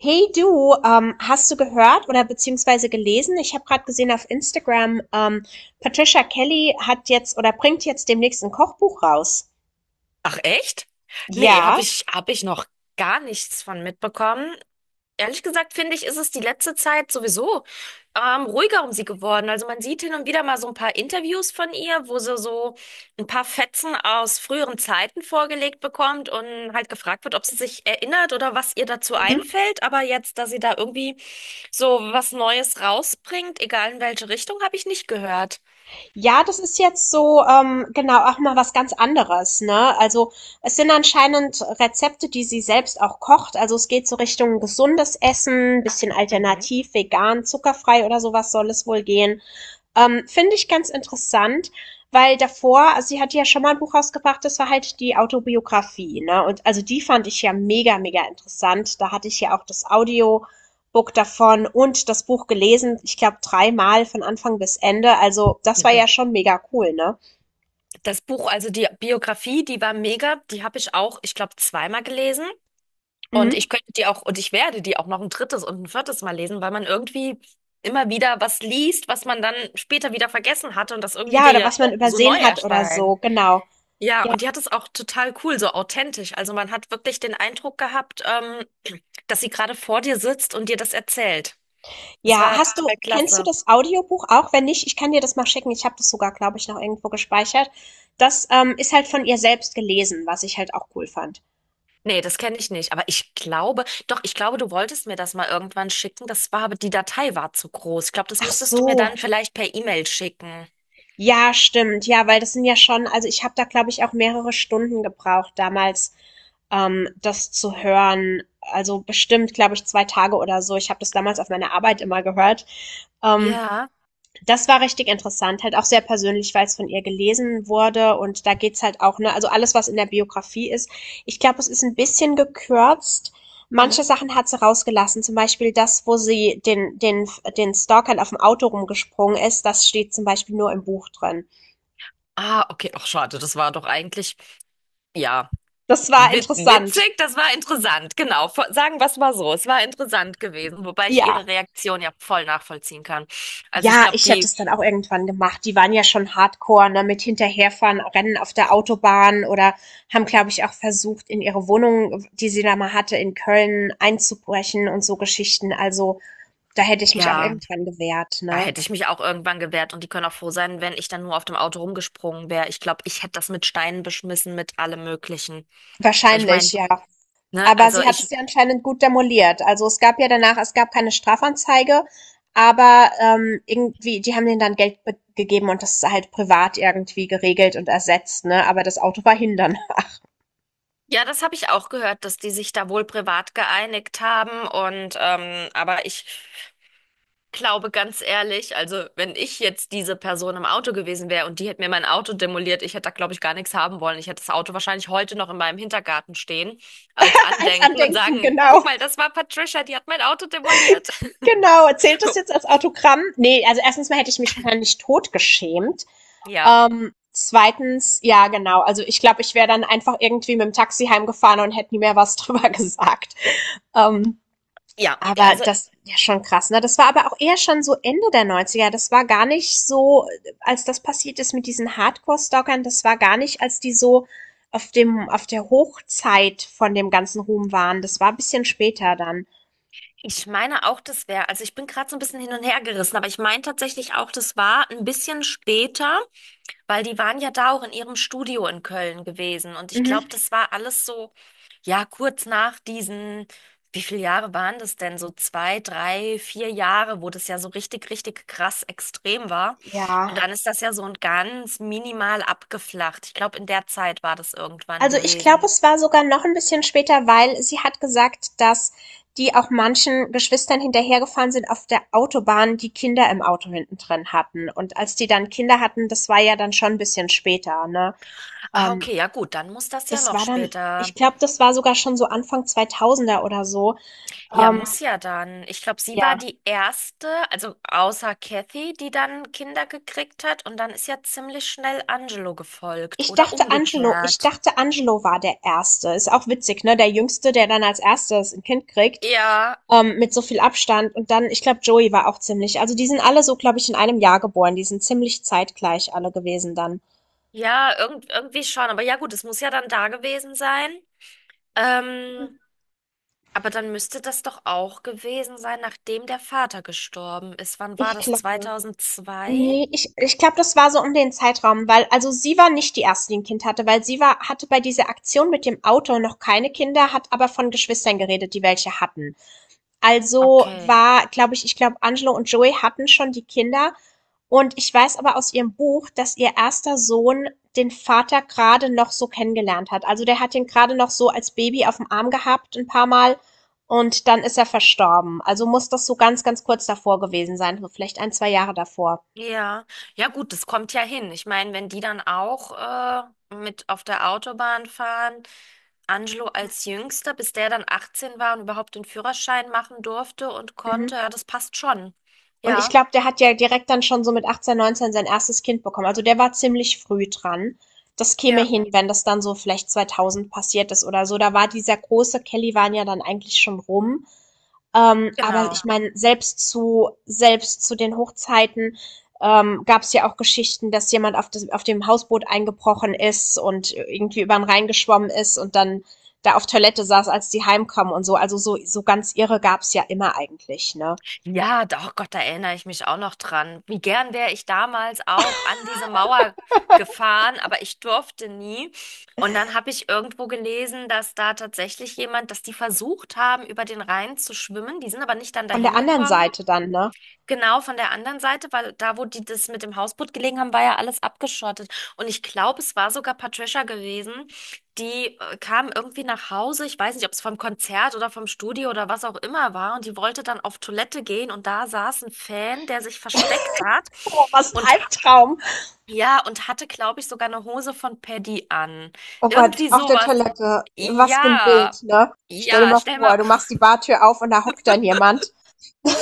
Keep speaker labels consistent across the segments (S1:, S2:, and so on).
S1: Hey du, hast du gehört oder beziehungsweise gelesen? Ich habe gerade gesehen auf Instagram. Patricia Kelly hat jetzt oder bringt jetzt demnächst ein Kochbuch raus.
S2: Ach echt? Nee, habe
S1: Ja.
S2: ich, hab ich noch gar nichts von mitbekommen. Ehrlich gesagt, finde ich, ist es die letzte Zeit sowieso ruhiger um sie geworden. Also man sieht hin und wieder mal so ein paar Interviews von ihr, wo sie so ein paar Fetzen aus früheren Zeiten vorgelegt bekommt und halt gefragt wird, ob sie sich erinnert oder was ihr dazu
S1: Mhm.
S2: einfällt. Aber jetzt, dass sie da irgendwie so was Neues rausbringt, egal in welche Richtung, habe ich nicht gehört.
S1: Ja, das ist jetzt so, genau, auch mal was ganz anderes, ne? Also es sind anscheinend Rezepte, die sie selbst auch kocht. Also es geht so Richtung gesundes Essen, bisschen
S2: Mhm.
S1: alternativ, vegan, zuckerfrei oder sowas soll es wohl gehen. Finde ich ganz interessant, weil davor, also sie hat ja schon mal ein Buch rausgebracht, das war halt die Autobiografie, ne? Und also die fand ich ja mega, mega interessant. Da hatte ich ja auch das Audiobook davon und das Buch gelesen, ich glaube dreimal von Anfang bis Ende. Also das war ja schon mega cool, ne?
S2: Das Buch, also die Biografie, die war mega. Die habe ich auch, ich glaube, zweimal gelesen. Und
S1: Mhm.
S2: ich könnte die auch, und ich werde die auch noch ein drittes und ein viertes Mal lesen, weil man irgendwie immer wieder was liest, was man dann später wieder vergessen hatte und das irgendwie
S1: Ja,
S2: dir
S1: oder
S2: ja
S1: was man
S2: so neu
S1: übersehen hat oder
S2: erscheint.
S1: so, genau.
S2: Ja,
S1: Ja.
S2: und die hat es auch total cool, so authentisch. Also man hat wirklich den Eindruck gehabt, dass sie gerade vor dir sitzt und dir das erzählt. Das
S1: Ja,
S2: war
S1: hast du,
S2: total
S1: kennst du
S2: klasse.
S1: das Audiobuch auch? Wenn nicht, ich kann dir das mal schicken. Ich habe das sogar, glaube ich, noch irgendwo gespeichert. Das ist halt von ihr selbst gelesen, was ich halt auch cool fand.
S2: Nee, das kenne ich nicht. Aber ich glaube, doch, ich glaube, du wolltest mir das mal irgendwann schicken. Das war aber, die Datei war zu groß. Ich glaube, das
S1: Ach
S2: müsstest du mir
S1: so,
S2: dann vielleicht per E-Mail schicken.
S1: ja, stimmt. Ja, weil das sind ja schon, also ich habe da, glaube ich, auch mehrere Stunden gebraucht damals, das zu hören. Also bestimmt, glaube ich, zwei Tage oder so. Ich habe das damals auf meiner Arbeit immer gehört. Ähm,
S2: Ja.
S1: Das war richtig interessant, halt auch sehr persönlich, weil es von ihr gelesen wurde und da geht's halt auch, ne, also alles, was in der Biografie ist. Ich glaube, es ist ein bisschen gekürzt. Manche
S2: Mhm.
S1: Sachen hat sie rausgelassen, zum Beispiel das, wo sie den Stalkern auf dem Auto rumgesprungen ist, das steht zum Beispiel nur im Buch drin.
S2: Ah, okay. Ach, schade. Das war doch eigentlich, ja,
S1: Das war
S2: wit
S1: interessant.
S2: witzig. Das war interessant. Genau. Sagen wir es mal so. Es war interessant gewesen, wobei ich
S1: Ja,
S2: ihre Reaktion ja voll nachvollziehen kann. Also ich
S1: ja,
S2: glaube,
S1: ich hätte
S2: die,
S1: es dann auch irgendwann gemacht. Die waren ja schon hardcore, ne, mit hinterherfahren, Rennen auf der Autobahn oder haben, glaube ich, auch versucht, in ihre Wohnung, die sie da mal hatte, in Köln einzubrechen und so Geschichten. Also, da hätte ich mich auch
S2: ja,
S1: irgendwann gewehrt,
S2: da
S1: ne?
S2: hätte ich mich auch irgendwann gewehrt und die können auch froh sein, wenn ich dann nur auf dem Auto rumgesprungen wäre. Ich glaube, ich hätte das mit Steinen beschmissen, mit allem Möglichen. Ich meine,
S1: Wahrscheinlich, ja.
S2: ne,
S1: Aber
S2: also
S1: sie hat es
S2: ich,
S1: ja anscheinend gut demoliert. Also es gab ja danach, es gab keine Strafanzeige, aber irgendwie, die haben denen dann Geld be- gegeben und das ist halt privat irgendwie geregelt und ersetzt, ne? Aber das Auto war hin danach.
S2: ja, das habe ich auch gehört, dass die sich da wohl privat geeinigt haben und aber ich glaube ganz ehrlich, also wenn ich jetzt diese Person im Auto gewesen wäre und die hätte mir mein Auto demoliert, ich hätte da glaube ich gar nichts haben wollen. Ich hätte das Auto wahrscheinlich heute noch in meinem Hintergarten stehen als
S1: Als
S2: Andenken und
S1: Andenken,
S2: sagen, guck
S1: genau.
S2: mal, das war Patricia, die hat mein Auto demoliert.
S1: Genau. Zählt das jetzt als Autogramm? Nee, also erstens mal hätte ich mich wahrscheinlich totgeschämt.
S2: Ja,
S1: Zweitens, ja, genau. Also ich glaube, ich wäre dann einfach irgendwie mit dem Taxi heimgefahren und hätte nie mehr was drüber gesagt. Ähm,
S2: ja,
S1: aber
S2: also
S1: das, ja, schon krass. Ne? Das war aber auch eher schon so Ende der Neunziger. Das war gar nicht so, als das passiert ist mit diesen Hardcore-Stalkern, das war gar nicht, als die so auf auf der Hochzeit von dem ganzen Ruhm waren. Das war ein bisschen später dann.
S2: ich meine auch, das wäre, also ich bin gerade so ein bisschen hin und her gerissen, aber ich meine tatsächlich auch, das war ein bisschen später. Weil die waren ja da auch in ihrem Studio in Köln gewesen. Und ich glaube,
S1: Mhm.
S2: das war alles so, ja, kurz nach diesen, wie viele Jahre waren das denn? So 2, 3, 4 Jahre, wo das ja so richtig, richtig krass extrem war. Und
S1: Ja,
S2: dann ist das ja so ein ganz minimal abgeflacht. Ich glaube, in der Zeit war das irgendwann
S1: also, ich glaube,
S2: gewesen.
S1: es war sogar noch ein bisschen später, weil sie hat gesagt, dass die auch manchen Geschwistern hinterhergefahren sind auf der Autobahn, die Kinder im Auto hinten drin hatten. Und als die dann Kinder hatten, das war ja dann schon ein bisschen später, ne?
S2: Ah,
S1: Ähm,
S2: okay, ja gut, dann muss das ja
S1: das
S2: noch
S1: war dann ich
S2: später.
S1: glaube, das war sogar schon so Anfang 2000er oder so.
S2: Ja,
S1: Ähm,
S2: muss ja dann. Ich glaube, sie war
S1: ja.
S2: die erste, also außer Kathy, die dann Kinder gekriegt hat. Und dann ist ja ziemlich schnell Angelo gefolgt oder
S1: Ich
S2: umgekehrt.
S1: dachte, Angelo war der Erste. Ist auch witzig, ne? Der Jüngste, der dann als Erstes ein Kind kriegt.
S2: Ja,
S1: Ähm, mit so viel Abstand. Und dann, ich glaube, Joey war auch ziemlich. Also die sind alle so, glaube ich, in einem Jahr geboren. Die sind ziemlich zeitgleich alle gewesen dann.
S2: ja, irgendwie schon. Aber ja, gut, es muss ja dann da gewesen sein. Ähm, aber dann müsste das doch auch gewesen sein, nachdem der Vater gestorben ist. Wann war
S1: Ich
S2: das?
S1: glaube.
S2: 2002?
S1: Nee, ich glaube, das war so um den Zeitraum, weil, also sie war nicht die erste, die ein Kind hatte, weil sie war, hatte bei dieser Aktion mit dem Auto noch keine Kinder, hat aber von Geschwistern geredet, die welche hatten. Also
S2: Okay.
S1: war, glaube ich ich glaube, Angelo und Joey hatten schon die Kinder. Und ich weiß aber aus ihrem Buch, dass ihr erster Sohn den Vater gerade noch so kennengelernt hat. Also der hat ihn gerade noch so als Baby auf dem Arm gehabt ein paar Mal und dann ist er verstorben. Also muss das so ganz, ganz kurz davor gewesen sein, so vielleicht ein 2 Jahre davor.
S2: Ja, ja gut, das kommt ja hin. Ich meine, wenn die dann auch mit auf der Autobahn fahren, Angelo als Jüngster, bis der dann 18 war und überhaupt den Führerschein machen durfte und konnte,
S1: Mhm.
S2: ja, das passt schon.
S1: Und ich
S2: Ja,
S1: glaube, der hat ja direkt dann schon so mit 18, 19 sein erstes Kind bekommen. Also der war ziemlich früh dran. Das käme
S2: Ja.
S1: hin, wenn das dann so vielleicht 2000 passiert ist oder so. Da war dieser große Kellywan ja dann eigentlich schon rum. Aber ich
S2: Genau.
S1: meine, selbst zu den Hochzeiten gab es ja auch Geschichten, dass jemand auf, auf dem Hausboot eingebrochen ist und irgendwie über den Rhein geschwommen ist und dann da auf Toilette saß, als die heimkamen und so. Also so ganz irre gab es ja immer eigentlich, ne?
S2: Ja, doch, Gott, da erinnere ich mich auch noch dran. Wie gern wäre ich damals auch an diese Mauer gefahren, aber ich durfte nie. Und dann habe ich irgendwo gelesen, dass da tatsächlich jemand, dass die versucht haben, über den Rhein zu schwimmen. Die sind aber nicht dann
S1: Von der
S2: dahin
S1: anderen
S2: gekommen.
S1: Seite dann, ne?
S2: Genau, von der anderen Seite, weil da, wo die das mit dem Hausboot gelegen haben, war ja alles abgeschottet. Und ich glaube, es war sogar Patricia gewesen, die kam irgendwie nach Hause. Ich weiß nicht, ob es vom Konzert oder vom Studio oder was auch immer war. Und die wollte dann auf Toilette gehen. Und da saß ein Fan, der sich versteckt hat.
S1: Oh, was ein
S2: Und
S1: Albtraum.
S2: ja, und hatte, glaube ich, sogar eine Hose von Paddy an.
S1: Oh Gott,
S2: Irgendwie
S1: auf der
S2: sowas.
S1: Toilette. Was für ein
S2: Ja.
S1: Bild, ne? Stell dir
S2: Ja,
S1: mal
S2: stell
S1: vor,
S2: mal,
S1: du machst die Bartür auf und da hockt dann jemand.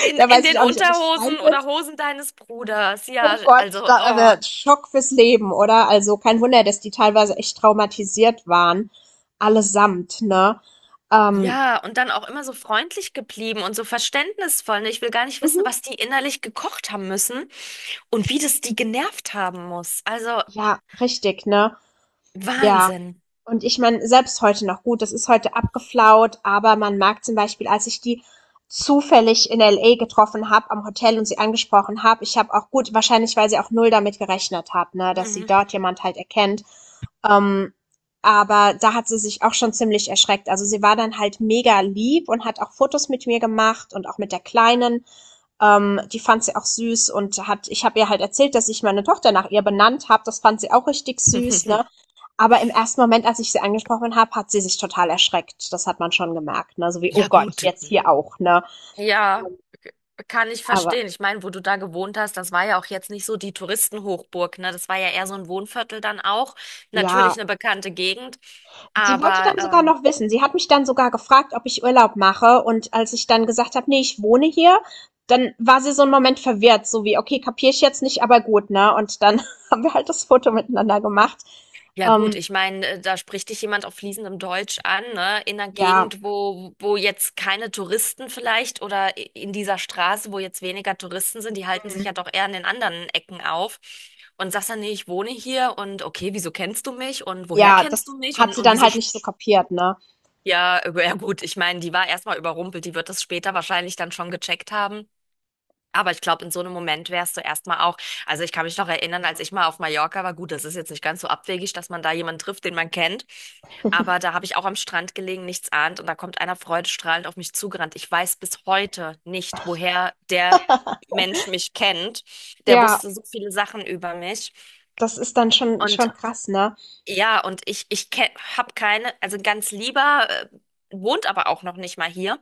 S2: In,
S1: Da
S2: in
S1: weiß
S2: den
S1: ich auch nicht, ob ich schreien
S2: Unterhosen
S1: würde.
S2: oder Hosen deines Bruders. Ja,
S1: Oh Gott,
S2: also, oh,
S1: Schock fürs Leben, oder? Also kein Wunder, dass die teilweise echt traumatisiert waren. Allesamt, ne? Ähm,
S2: ja, und dann auch immer so freundlich geblieben und so verständnisvoll, ne? Ich will gar nicht wissen,
S1: mhm.
S2: was die innerlich gekocht haben müssen und wie das die genervt haben muss. Also,
S1: Ja, richtig, ne? Ja,
S2: Wahnsinn.
S1: und ich meine, selbst heute noch gut, das ist heute abgeflaut, aber man merkt zum Beispiel, als ich die zufällig in LA getroffen habe am Hotel und sie angesprochen habe, ich habe auch gut, wahrscheinlich weil sie auch null damit gerechnet hat, ne, dass sie
S2: Mhm.
S1: dort jemand halt erkennt. Ähm, aber da hat sie sich auch schon ziemlich erschreckt. Also sie war dann halt mega lieb und hat auch Fotos mit mir gemacht und auch mit der Kleinen. Die fand sie auch süß und hat, ich habe ihr halt erzählt, dass ich meine Tochter nach ihr benannt habe. Das fand sie auch richtig süß, ne? Aber im ersten Moment, als ich sie angesprochen habe, hat sie sich total erschreckt. Das hat man schon gemerkt, ne? So wie, oh
S2: Ja,
S1: Gott,
S2: gut.
S1: jetzt hier auch, ne?
S2: Ja, kann ich
S1: Aber
S2: verstehen. Ich meine, wo du da gewohnt hast, das war ja auch jetzt nicht so die Touristenhochburg, ne? Das war ja eher so ein Wohnviertel dann auch.
S1: ja,
S2: Natürlich eine bekannte Gegend,
S1: sie wollte
S2: aber
S1: dann sogar noch wissen. Sie hat mich dann sogar gefragt, ob ich Urlaub mache. Und als ich dann gesagt habe, nee, ich wohne hier, dann war sie so einen Moment verwirrt, so wie, okay, kapiere ich jetzt nicht, aber gut, ne? Und dann haben wir halt das Foto miteinander gemacht.
S2: ja gut,
S1: Ähm,
S2: ich meine, da spricht dich jemand auf fließendem Deutsch an, ne? In einer
S1: ja,
S2: Gegend, wo, wo jetzt keine Touristen vielleicht oder in dieser Straße, wo jetzt weniger Touristen sind, die halten sich ja
S1: mm,
S2: doch eher an den anderen Ecken auf. Und sagst dann, nee, ich wohne hier und okay, wieso kennst du mich und woher
S1: ja,
S2: kennst
S1: das
S2: du mich
S1: hat
S2: und,
S1: sie
S2: und
S1: dann
S2: wieso,
S1: halt nicht so kapiert, ne?
S2: ja, ja gut, ich meine, die war erstmal überrumpelt, die wird das später wahrscheinlich dann schon gecheckt haben. Aber ich glaube, in so einem Moment wärst du erstmal auch, also ich kann mich noch erinnern, als ich mal auf Mallorca war, gut, das ist jetzt nicht ganz so abwegig, dass man da jemanden trifft, den man kennt, aber da habe ich auch am Strand gelegen, nichts ahnt und da kommt einer freudestrahlend auf mich zugerannt. Ich weiß bis heute nicht, woher der Mensch mich kennt. Der
S1: Ja,
S2: wusste so viele Sachen über mich
S1: das ist dann
S2: und
S1: schon krass, ne?
S2: ja, und ich habe keine, also ein ganz lieber, wohnt aber auch noch nicht mal hier.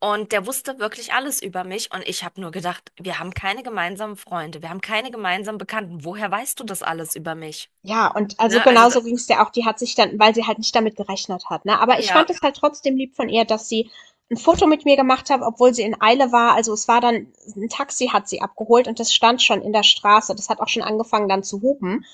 S2: Und der wusste wirklich alles über mich. Und ich habe nur gedacht, wir haben keine gemeinsamen Freunde, wir haben keine gemeinsamen Bekannten. Woher weißt du das alles über mich?
S1: Ja, und also
S2: Ne? Also,
S1: genauso ging es ja auch. Die hat sich dann weil sie halt nicht damit gerechnet hat, ne? Aber ich
S2: ja,
S1: fand es halt trotzdem lieb von ihr, dass sie ein Foto mit mir gemacht hat, obwohl sie in Eile war. Also, es war dann ein Taxi hat sie abgeholt und das stand schon in der Straße. Das hat auch schon angefangen dann zu hupen.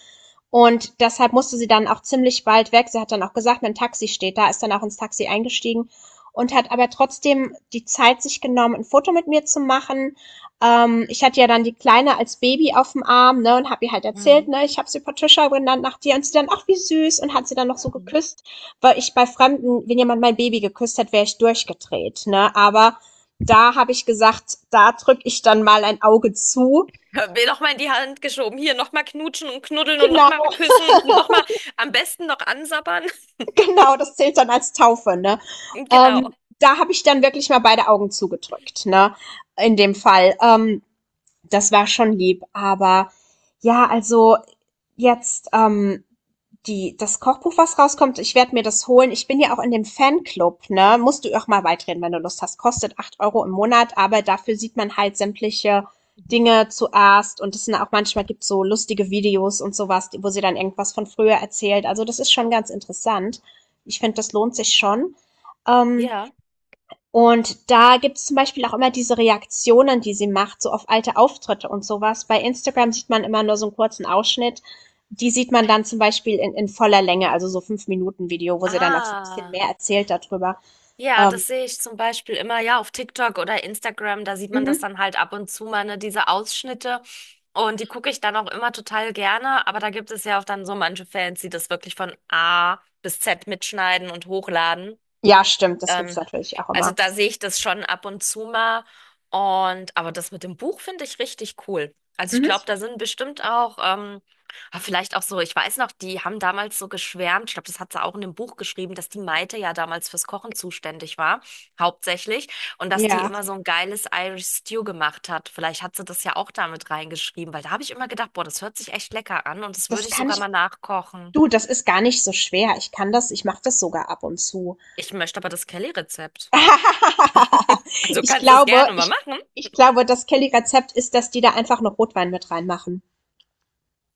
S1: Und deshalb musste sie dann auch ziemlich bald weg. Sie hat dann auch gesagt: „Mein Taxi steht da", ist dann auch ins Taxi eingestiegen und hat aber trotzdem die Zeit sich genommen, ein Foto mit mir zu machen. Ich hatte ja dann die Kleine als Baby auf dem Arm, ne, und habe ihr halt erzählt,
S2: Mhm.
S1: ne, ich habe sie Patricia genannt nach dir und sie dann, ach wie süß, und hat sie dann noch so
S2: Mhm.
S1: geküsst, weil ich bei Fremden, wenn jemand mein Baby geküsst hat, wäre ich durchgedreht, ne, aber da habe ich gesagt, da drücke ich dann mal ein Auge zu.
S2: mir nochmal in die Hand geschoben. Hier, nochmal knutschen und knuddeln und
S1: Genau,
S2: nochmal küssen, nochmal am besten noch ansabbern.
S1: genau, das zählt dann als Taufe, ne.
S2: Genau.
S1: Ähm, da habe ich dann wirklich mal beide Augen zugedrückt, ne, in dem Fall. Das war schon lieb, aber ja, also jetzt die das Kochbuch, was rauskommt, ich werde mir das holen. Ich bin ja auch in dem Fanclub, ne? Musst du auch mal beitreten, wenn du Lust hast. Kostet 8 Euro im Monat, aber dafür sieht man halt sämtliche
S2: Mhm.
S1: Dinge zuerst und es sind auch manchmal gibt so lustige Videos und sowas, wo sie dann irgendwas von früher erzählt. Also das ist schon ganz interessant. Ich finde, das lohnt sich schon. Ähm,
S2: Ja.
S1: und da gibt es zum Beispiel auch immer diese Reaktionen, die sie macht, so auf alte Auftritte und sowas. Bei Instagram sieht man immer nur so einen kurzen Ausschnitt. Die sieht man dann zum Beispiel in voller Länge, also so 5 Minuten Video, wo sie dann auch so ein bisschen
S2: Ah.
S1: mehr erzählt darüber.
S2: Ja,
S1: Ähm,
S2: das sehe ich zum Beispiel immer, ja, auf TikTok oder Instagram, da sieht man das
S1: mhm.
S2: dann halt ab und zu mal, ne, diese Ausschnitte. Und die gucke ich dann auch immer total gerne, aber da gibt es ja auch dann so manche Fans, die das wirklich von A bis Z mitschneiden und hochladen.
S1: Ja, stimmt, das gibt's
S2: Ähm,
S1: natürlich auch
S2: also
S1: immer.
S2: da sehe ich das schon ab und zu mal. Und aber das mit dem Buch finde ich richtig cool. Also ich glaube,
S1: Mhm.
S2: da sind bestimmt auch, ah, vielleicht auch so, ich weiß noch, die haben damals so geschwärmt, ich glaube, das hat sie auch in dem Buch geschrieben, dass die Maite ja damals fürs Kochen zuständig war, hauptsächlich, und dass die
S1: Ja,
S2: immer so ein geiles Irish Stew gemacht hat. Vielleicht hat sie das ja auch damit reingeschrieben, weil da habe ich immer gedacht, boah, das hört sich echt lecker an und das würde
S1: das
S2: ich
S1: kann
S2: sogar
S1: ich
S2: mal nachkochen.
S1: du, das ist gar nicht so schwer. Ich mache das sogar ab und zu.
S2: Ich möchte aber das Kelly-Rezept. Also
S1: Ich
S2: kannst du das
S1: glaube
S2: gerne mal
S1: ich
S2: machen.
S1: Ich glaube, das Kelly-Rezept ist, dass die da einfach noch Rotwein mit reinmachen.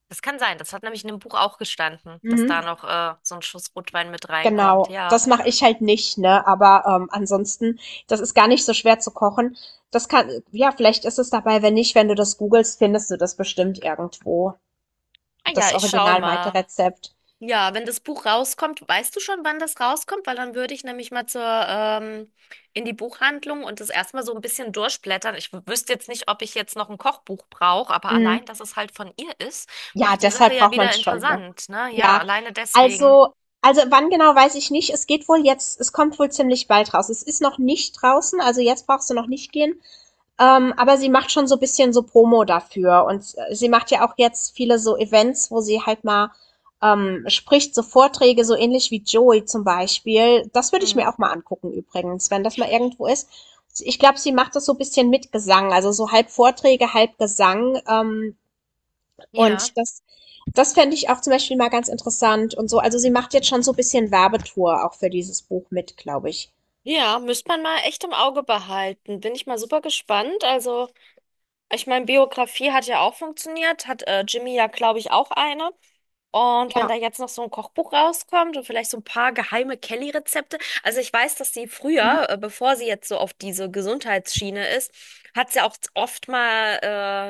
S2: Das kann sein. Das hat nämlich in dem Buch auch gestanden, dass da
S1: Mhm.
S2: noch so ein Schuss Rotwein mit reinkommt.
S1: Genau,
S2: Ja.
S1: das mache ich halt nicht, ne? Aber, ansonsten das ist gar nicht so schwer zu kochen. Das kann ja, vielleicht ist es dabei, wenn nicht, wenn du das googelst, findest du das bestimmt irgendwo,
S2: Ah
S1: das.
S2: ja,
S1: Ja.
S2: ich schau
S1: Original
S2: mal.
S1: Maite-Rezept.
S2: Ja, wenn das Buch rauskommt, weißt du schon, wann das rauskommt? Weil dann würde ich nämlich mal zur, in die Buchhandlung und das erstmal so ein bisschen durchblättern. Ich wüsste jetzt nicht, ob ich jetzt noch ein Kochbuch brauche, aber
S1: Mhm.
S2: allein, dass es halt von ihr ist,
S1: Ja,
S2: macht die Sache
S1: deshalb
S2: ja
S1: braucht man
S2: wieder
S1: es schon, ne?
S2: interessant, ne? Ja,
S1: Ja,
S2: alleine deswegen.
S1: also wann genau, weiß ich nicht. Es kommt wohl ziemlich bald raus. Es ist noch nicht draußen, also jetzt brauchst du noch nicht gehen. Aber sie macht schon so ein bisschen so Promo dafür und sie macht ja auch jetzt viele so Events, wo sie halt mal spricht, so Vorträge, so ähnlich wie Joey zum Beispiel. Das würde ich
S2: Hm.
S1: mir auch mal angucken übrigens, wenn das mal irgendwo ist. Ich glaube, sie macht das so ein bisschen mit Gesang, also so halb Vorträge, halb Gesang.
S2: Ja.
S1: Und das, das fände ich auch zum Beispiel mal ganz interessant und so. Also sie macht jetzt schon so ein bisschen Werbetour auch für dieses Buch mit, glaube ich.
S2: Ja, müsste man mal echt im Auge behalten. Bin ich mal super gespannt. Also. Ich meine, Biografie hat ja auch funktioniert, hat Jimmy ja, glaube ich, auch eine. Und wenn
S1: Ja.
S2: da jetzt noch so ein Kochbuch rauskommt und vielleicht so ein paar geheime Kelly-Rezepte. Also ich weiß, dass sie
S1: Mhm.
S2: früher, bevor sie jetzt so auf diese Gesundheitsschiene ist, hat sie auch oft mal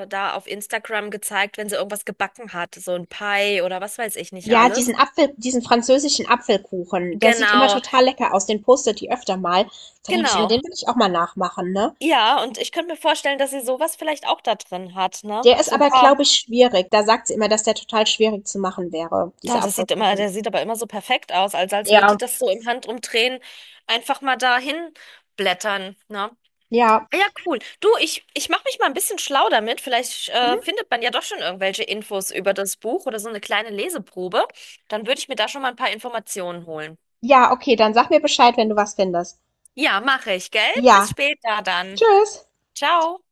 S2: da auf Instagram gezeigt, wenn sie irgendwas gebacken hat, so ein Pie oder was weiß ich nicht
S1: Ja,
S2: alles.
S1: Diesen französischen Apfelkuchen, der sieht immer
S2: Genau,
S1: total lecker aus, den postet die öfter mal. Da denke ich immer,
S2: genau.
S1: den will ich auch mal nachmachen, ne?
S2: Ja, und ich könnte mir vorstellen, dass sie sowas vielleicht auch da drin hat, ne?
S1: Der ist
S2: So ein
S1: aber,
S2: paar.
S1: glaube ich, schwierig. Da sagt sie immer, dass der total schwierig zu machen wäre,
S2: Ja,
S1: dieser
S2: das sieht immer,
S1: Apfelkuchen.
S2: der sieht aber immer so perfekt aus, als als würde die
S1: Ja.
S2: das so im Handumdrehen einfach mal dahin blättern, ne?
S1: Ja.
S2: Ah ja, cool. Du, ich mache mich mal ein bisschen schlau damit. Vielleicht
S1: Mhm.
S2: findet man ja doch schon irgendwelche Infos über das Buch oder so eine kleine Leseprobe. Dann würde ich mir da schon mal ein paar Informationen holen.
S1: Ja, okay, dann sag mir Bescheid, wenn du was findest.
S2: Ja, mache ich, gell?
S1: Ja.
S2: Bis später dann.
S1: Tschüss.
S2: Ciao.